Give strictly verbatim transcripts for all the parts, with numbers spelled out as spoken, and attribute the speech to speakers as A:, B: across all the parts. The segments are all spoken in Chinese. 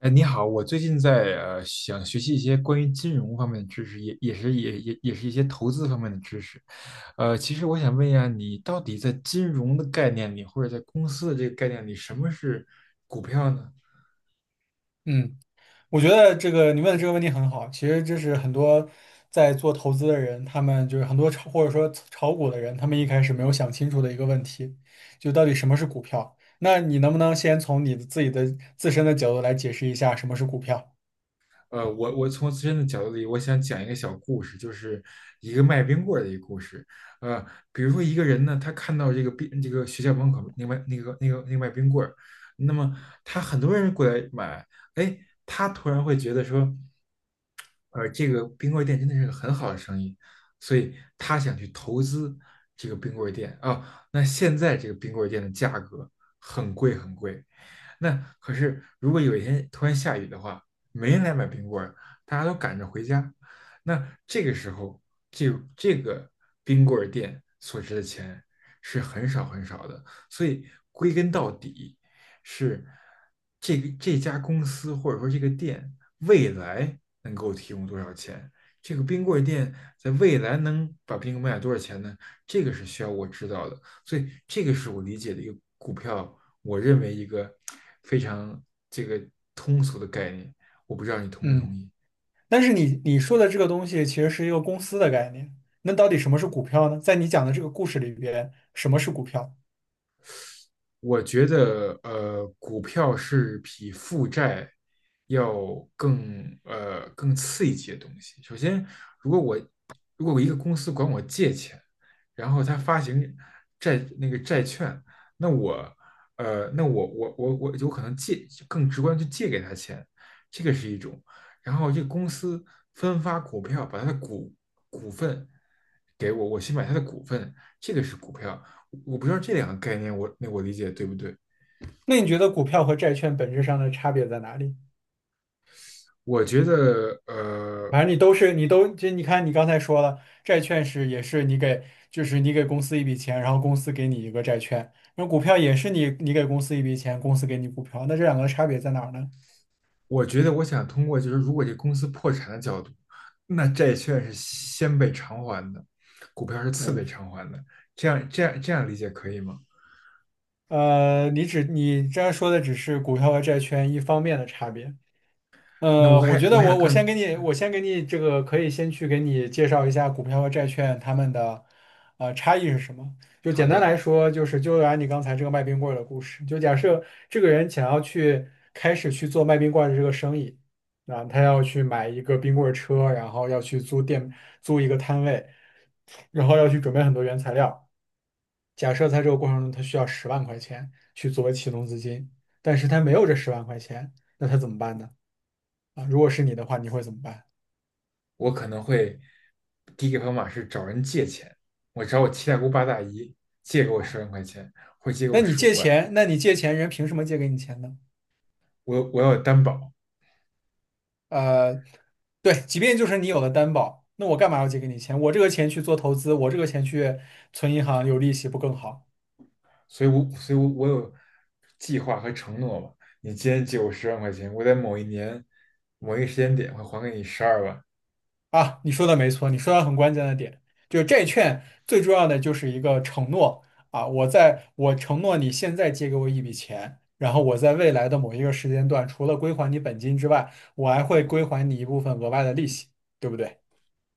A: 哎，你好，我最近在呃想学习一些关于金融方面的知识，也也是也也也是一些投资方面的知识。呃，其实我想问一下，你到底在金融的概念里，或者在公司的这个概念里，什么是股票呢？
B: 嗯，我觉得这个你问的这个问题很好。其实这是很多在做投资的人，他们就是很多炒或者说炒股的人，他们一开始没有想清楚的一个问题，就到底什么是股票？那你能不能先从你的自己的自身的角度来解释一下什么是股票？
A: 呃，我我从自身的角度里，我想讲一个小故事，就是一个卖冰棍儿的一个故事。呃，比如说一个人呢，他看到这个冰这个学校门口那卖那个那个那个卖冰棍儿，那么他很多人过来买，哎，他突然会觉得说，呃，这个冰棍儿店真的是个很好的生意，所以他想去投资这个冰棍儿店啊。那现在这个冰棍儿店的价格很贵很贵，那可是如果有一天突然下雨的话，没人来买冰棍儿，大家都赶着回家，那这个时候这这个冰棍儿店所值的钱是很少很少的，所以归根到底是这个这家公司或者说这个店未来能够提供多少钱。这个冰棍儿店在未来能把冰棍卖多少钱呢？这个是需要我知道的，所以这个是我理解的一个股票，我认为一个非常这个通俗的概念，我不知道你同不同
B: 嗯，
A: 意。
B: 但是你你说的这个东西其实是一个公司的概念，那到底什么是股票呢？在你讲的这个故事里边，什么是股票？
A: 我觉得，呃，股票是比负债要更呃更刺激的东西。首先，如果我如果我一个公司管我借钱，然后他发行债那个债券，那我呃那我我我我有可能借更直观去借给他钱，这个是一种。然后这个公司分发股票，把他的股股份给我，我去买他的股份，这个是股票。我不知道这两个概念我那我理解对不对？
B: 那你觉得股票和债券本质上的差别在哪里？
A: 我觉得，呃，
B: 反正你都是你都就你看你刚才说了，债券是也是你给就是你给公司一笔钱，然后公司给你一个债券，那股票也是你你给公司一笔钱，公司给你股票，那这两个差别在哪儿呢？
A: 我觉得我想通过就是如果这公司破产的角度，那债券是先被偿还的，股票是次被
B: 嗯
A: 偿还的，这样这样这样理解可以吗？
B: 呃，你只你这样说的只是股票和债券一方面的差别，
A: 那
B: 呃，
A: 我
B: 我
A: 还
B: 觉
A: 我
B: 得
A: 还
B: 我
A: 想
B: 我先
A: 更
B: 给你，我先给你这个可以先去给你介绍一下股票和债券它们的呃差异是什么。就
A: 好
B: 简单
A: 的，
B: 来说，就是就按你刚才这个卖冰棍儿的故事，就假设这个人想要去开始去做卖冰棍儿的这个生意，啊，他要去买一个冰棍儿车，然后要去租店租一个摊位，然后要去准备很多原材料。假设在这个过程中他需要十万块钱去作为启动资金，但是他没有这十万块钱，那他怎么办呢？啊，如果是你的话，你会怎么办？
A: 我可能会第一个方法是找人借钱，我找我七大姑八大姨借给我
B: 啊，
A: 十万块钱，或借给
B: 那
A: 我
B: 你
A: 十五
B: 借
A: 万，
B: 钱，那你借钱，人凭什么借给你钱呢？
A: 我我要有担保，
B: 呃，对，即便就是你有了担保，那我干嘛要借给你钱？我这个钱去做投资，我这个钱去存银行有利息不更好
A: 所以我所以我我有计划和承诺吧。你今天借我十万块钱，我在某一年某一个时间点会还给你十二万。
B: 啊？你说的没错，你说到很关键的点，就是债券最重要的就是一个承诺啊，我在我承诺你现在借给我一笔钱，然后我在未来的某一个时间段，除了归还你本金之外，我还会归还你一部分额外的利息，对不对？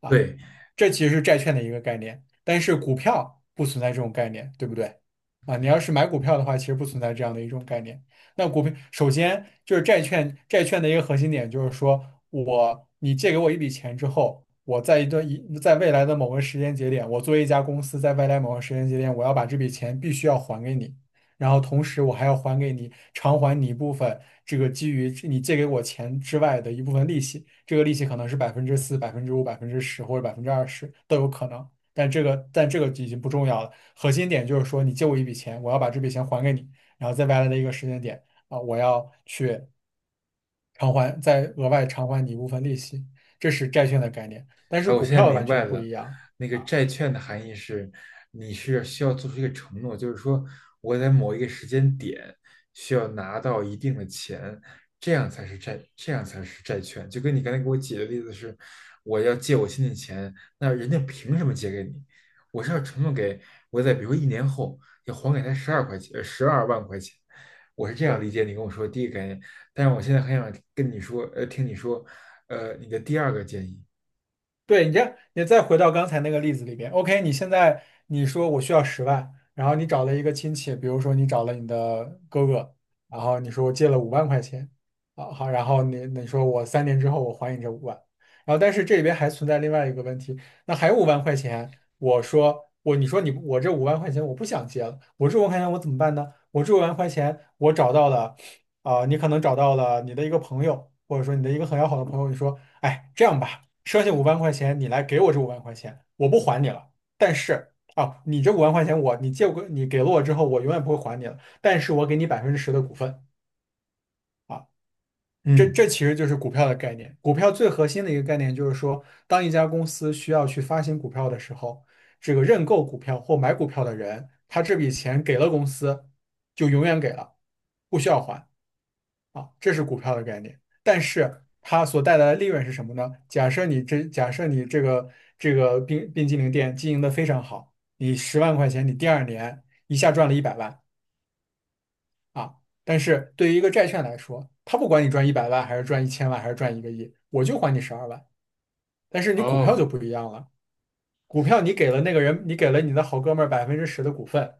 B: 啊，
A: 对，
B: 这其实是债券的一个概念，但是股票不存在这种概念，对不对？啊，你要是买股票的话，其实不存在这样的一种概念。那股票首先就是债券，债券的一个核心点就是说我你借给我一笔钱之后，我在一段一在未来的某个时间节点，我作为一家公司，在未来某个时间节点，我要把这笔钱必须要还给你。然后同时我还要还给你偿还你一部分这个基于你借给我钱之外的一部分利息，这个利息可能是百分之四、百分之五、百分之十或者百分之二十都有可能，但这个但这个已经不重要了，核心点就是说你借我一笔钱，我要把这笔钱还给你，然后在未来的一个时间点啊，我要去偿还，再额外偿还你一部分利息，这是债券的概念，但是
A: 哎，我
B: 股
A: 现在
B: 票完
A: 明白
B: 全不
A: 了，
B: 一样。
A: 那个债券的含义是，你是需要做出一个承诺，就是说我在某一个时间点需要拿到一定的钱，这样才是债，这样才是债券。就跟你刚才给我举的例子是，我要借我亲戚钱，那人家凭什么借给你？我是要承诺给我在比如说一年后要还给他十二块钱，十二万块钱。我是这样
B: 对。
A: 理解你跟我说的第一个概念，但是我现在很想跟你说，呃，听你说，呃，你的第二个建议。
B: 对，你这，样，你再回到刚才那个例子里边，OK，你现在你说我需要十万，然后你找了一个亲戚，比如说你找了你的哥哥，然后你说我借了五万块钱，啊好，然后你你说我三年之后我还你这五万，然后但是这里边还存在另外一个问题，那还有五万块钱，我说我你说你我这五万块钱我不想借了，我这五万块钱我怎么办呢？我这五万块钱我找到了，啊、你可能找到了你的一个朋友，或者说你的一个很要好的朋友，你说，哎，这样吧。剩下五万块钱，你来给我这五万块钱，我不还你了。但是啊，你这五万块钱我，你借我，你给了我之后，我永远不会还你了。但是我给你百分之十的股份啊，这
A: 嗯。
B: 这其实就是股票的概念。股票最核心的一个概念就是说，当一家公司需要去发行股票的时候，这个认购股票或买股票的人，他这笔钱给了公司，就永远给了，不需要还。啊，这是股票的概念。但是它所带来的利润是什么呢？假设你这假设你这个这个冰冰激凌店经营的非常好，你十万块钱，你第二年一下赚了一百万啊。但是对于一个债券来说，它不管你赚一百万还是赚一千万还是赚一个亿，我就还你十二万。但是你股票
A: 哦，
B: 就不一样了，股票你给了那个人，你给了你的好哥们儿百分之十的股份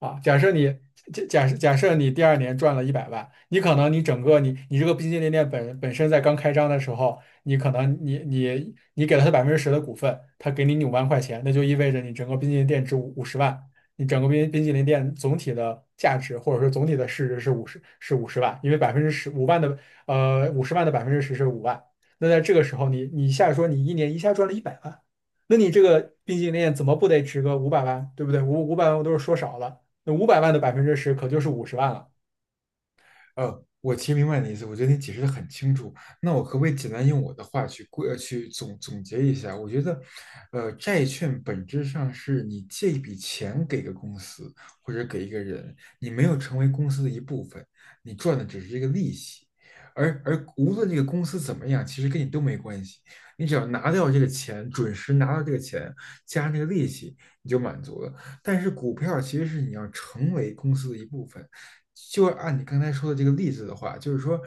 B: 啊。假设你假假设假设你第二年赚了一百万，你可能你整个你你这个冰淇淋店本本身在刚开张的时候，你可能你你你给了他百分之十的股份，他给你五万块钱，那就意味着你整个冰淇淋店值五十万，你整个冰冰淇淋店总体的价值或者说总体的市值是五十是五十万，因为百分之十五万的呃五十万的百分之十是五万。那在这个时候你，你一下说你一年一下赚了一百万。那你这个冰淇淋店怎么不得值个五百万，对不对？五五百万我都是说少了，那五百万的百分之十可就是五十万了。
A: 呃，我其实明白你的意思，我觉得你解释的很清楚。那我可不可以简单用我的话去过、呃去总总结一下？我觉得，呃，债券本质上是你借一笔钱给个公司或者给一个人，你没有成为公司的一部分，你赚的只是这个利息。而而无论这个公司怎么样，其实跟你都没关系。你只要拿掉这个钱，准时拿到这个钱，加上这个利息，你就满足了。但是股票其实是你要成为公司的一部分。就按你刚才说的这个例子的话，就是说，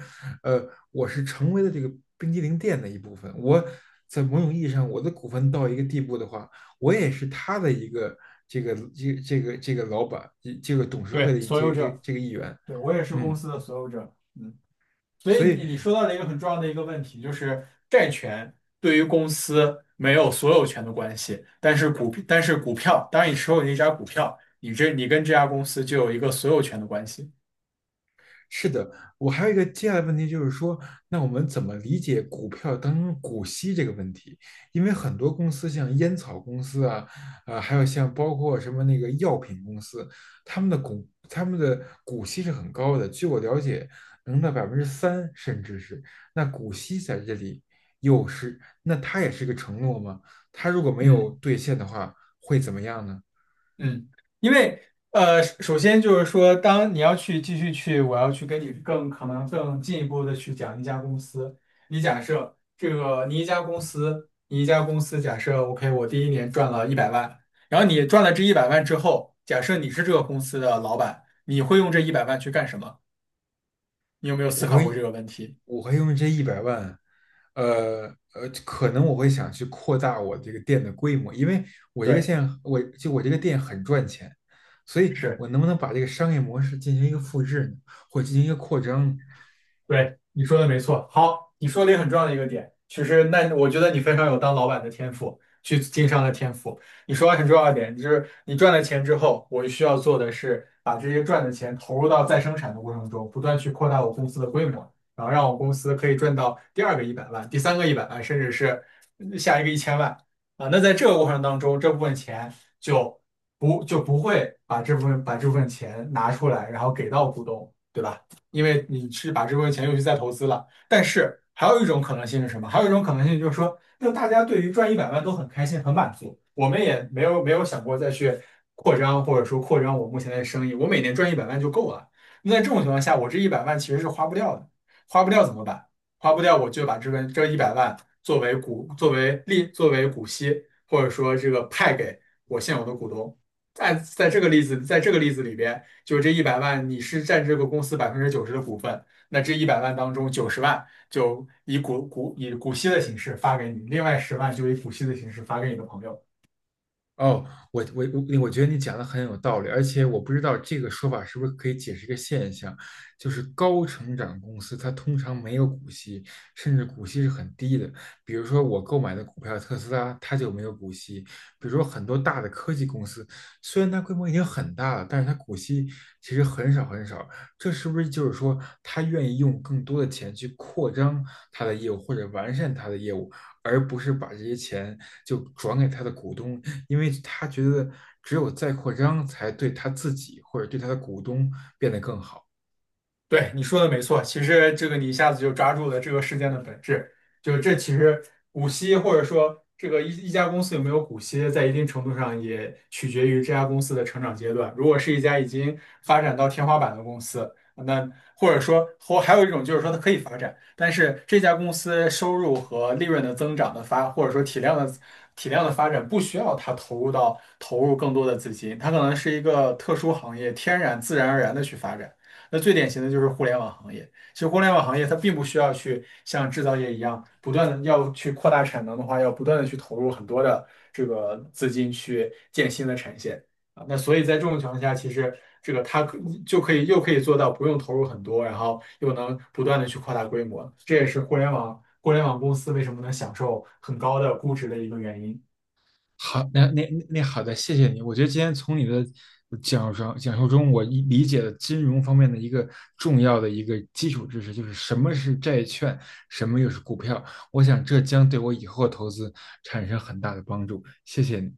A: 呃，我是成为了这个冰激凌店的一部分。我在某种意义上，我的股份到一个地步的话，我也是他的一个这个这个这个这个老板，这个董事会
B: 对，
A: 的
B: 所
A: 这
B: 有
A: 个这个
B: 者，
A: 这个议员。
B: 对，我也是公
A: 嗯，
B: 司的所有者，嗯，所
A: 所
B: 以
A: 以
B: 你你说到了一个很重要的一个问题，就是债权对于公司没有所有权的关系，但是股但是股票，当你持有一家股票，你这你跟这家公司就有一个所有权的关系，
A: 是的，我还有一个接下来的问题就是说，那我们怎么理解股票当中股息这个问题？因为很多公司，像烟草公司啊，呃，还有像包括什么那个药品公司，他们的股他们的股息是很高的，据我了解，能到百分之三，甚至是。那股息在这里又是，那它也是个承诺吗？它如果没有
B: 嗯。
A: 兑现的话，会怎么样呢？
B: 嗯，因为呃，首先就是说，当你要去继续去，我要去跟你更可能更进一步的去讲一家公司。你假设这个你一家公司，你一家公司假设 OK，我第一年赚了一百万，然后你赚了这一百万之后，假设你是这个公司的老板，你会用这一百万去干什么？你有没有
A: 我
B: 思考过
A: 会
B: 这个问题？
A: 我会用这一百万，呃呃，可能我会想去扩大我这个店的规模，因为我这个
B: 对。
A: 店我就我这个店很赚钱，所以
B: 是。
A: 我能不能把这个商业模式进行一个复制呢，或进行一个扩张呢？
B: 对，你说的没错。好，你说了一个很重要的一个点，其实那我觉得你非常有当老板的天赋，去经商的天赋。你说了很重要的点，就是你赚了钱之后，我需要做的是把这些赚的钱投入到再生产的过程中，不断去扩大我公司的规模，然后让我公司可以赚到第二个一百万、第三个一百万，甚至是下一个一千万啊。那在这个过程当中，这部分钱就不就不会把这部分把这部分钱拿出来，然后给到股东，对吧？因为你是把这部分钱又去再投资了。但是还有一种可能性是什么？还有一种可能性就是说，那大家对于赚一百万都很开心、很满足，我们也没有没有想过再去扩张，或者说扩张我目前的生意，我每年赚一百万就够了。那在这种情况下，我这一百万其实是花不掉的，花不掉怎么办？花不掉我就把这份这一百万作为股、作为利、作为股息，或者说这个派给我现有的股东。在在这个例子，在这个例子里边。就是这一百万你是占这个公司百分之九十的股份，那这一百万当中九十万就以股股以股息的形式发给你，另外十万就以股息的形式发给你的朋友。
A: 哦，我我我，我觉得你讲的很有道理，而且我不知道这个说法是不是可以解释一个现象，就是高成长公司它通常没有股息，甚至股息是很低的。比如说我购买的股票特斯拉，它就没有股息。比如说很多大的科技公司，虽然它规模已经很大了，但是它股息其实很少很少。这是不是就是说它愿意用更多的钱去扩张它的业务或者完善它的业务，而不是把这些钱就转给他的股东？因为他觉得只有再扩张才对他自己或者对他的股东变得更好。
B: 对，你说的没错，其实这个你一下子就抓住了这个事件的本质，就是这其实股息或者说这个一一家公司有没有股息，在一定程度上也取决于这家公司的成长阶段。如果是一家已经发展到天花板的公司，那或者说或还有一种就是说它可以发展，但是这家公司收入和利润的增长的发，或者说体量的体量的发展不需要它投入到投入更多的资金，它可能是一个特殊行业，天然自然而然的去发展。那最典型的就是互联网行业。其实互联网行业它并不需要去像制造业一样不断的要去扩大产能的话，要不断的去投入很多的这个资金去建新的产线啊。那所以在这种情况下，其实这个它可就可以又可以做到不用投入很多，然后又能不断的去扩大规模。这也是互联网互联网公司为什么能享受很高的估值的一个原因。
A: 好，那那那好的，谢谢你。我觉得今天从你的讲述讲述中，我理解了金融方面的一个重要的一个基础知识，就是什么是债券，什么又是股票。我想这将对我以后投资产生很大的帮助。谢谢你。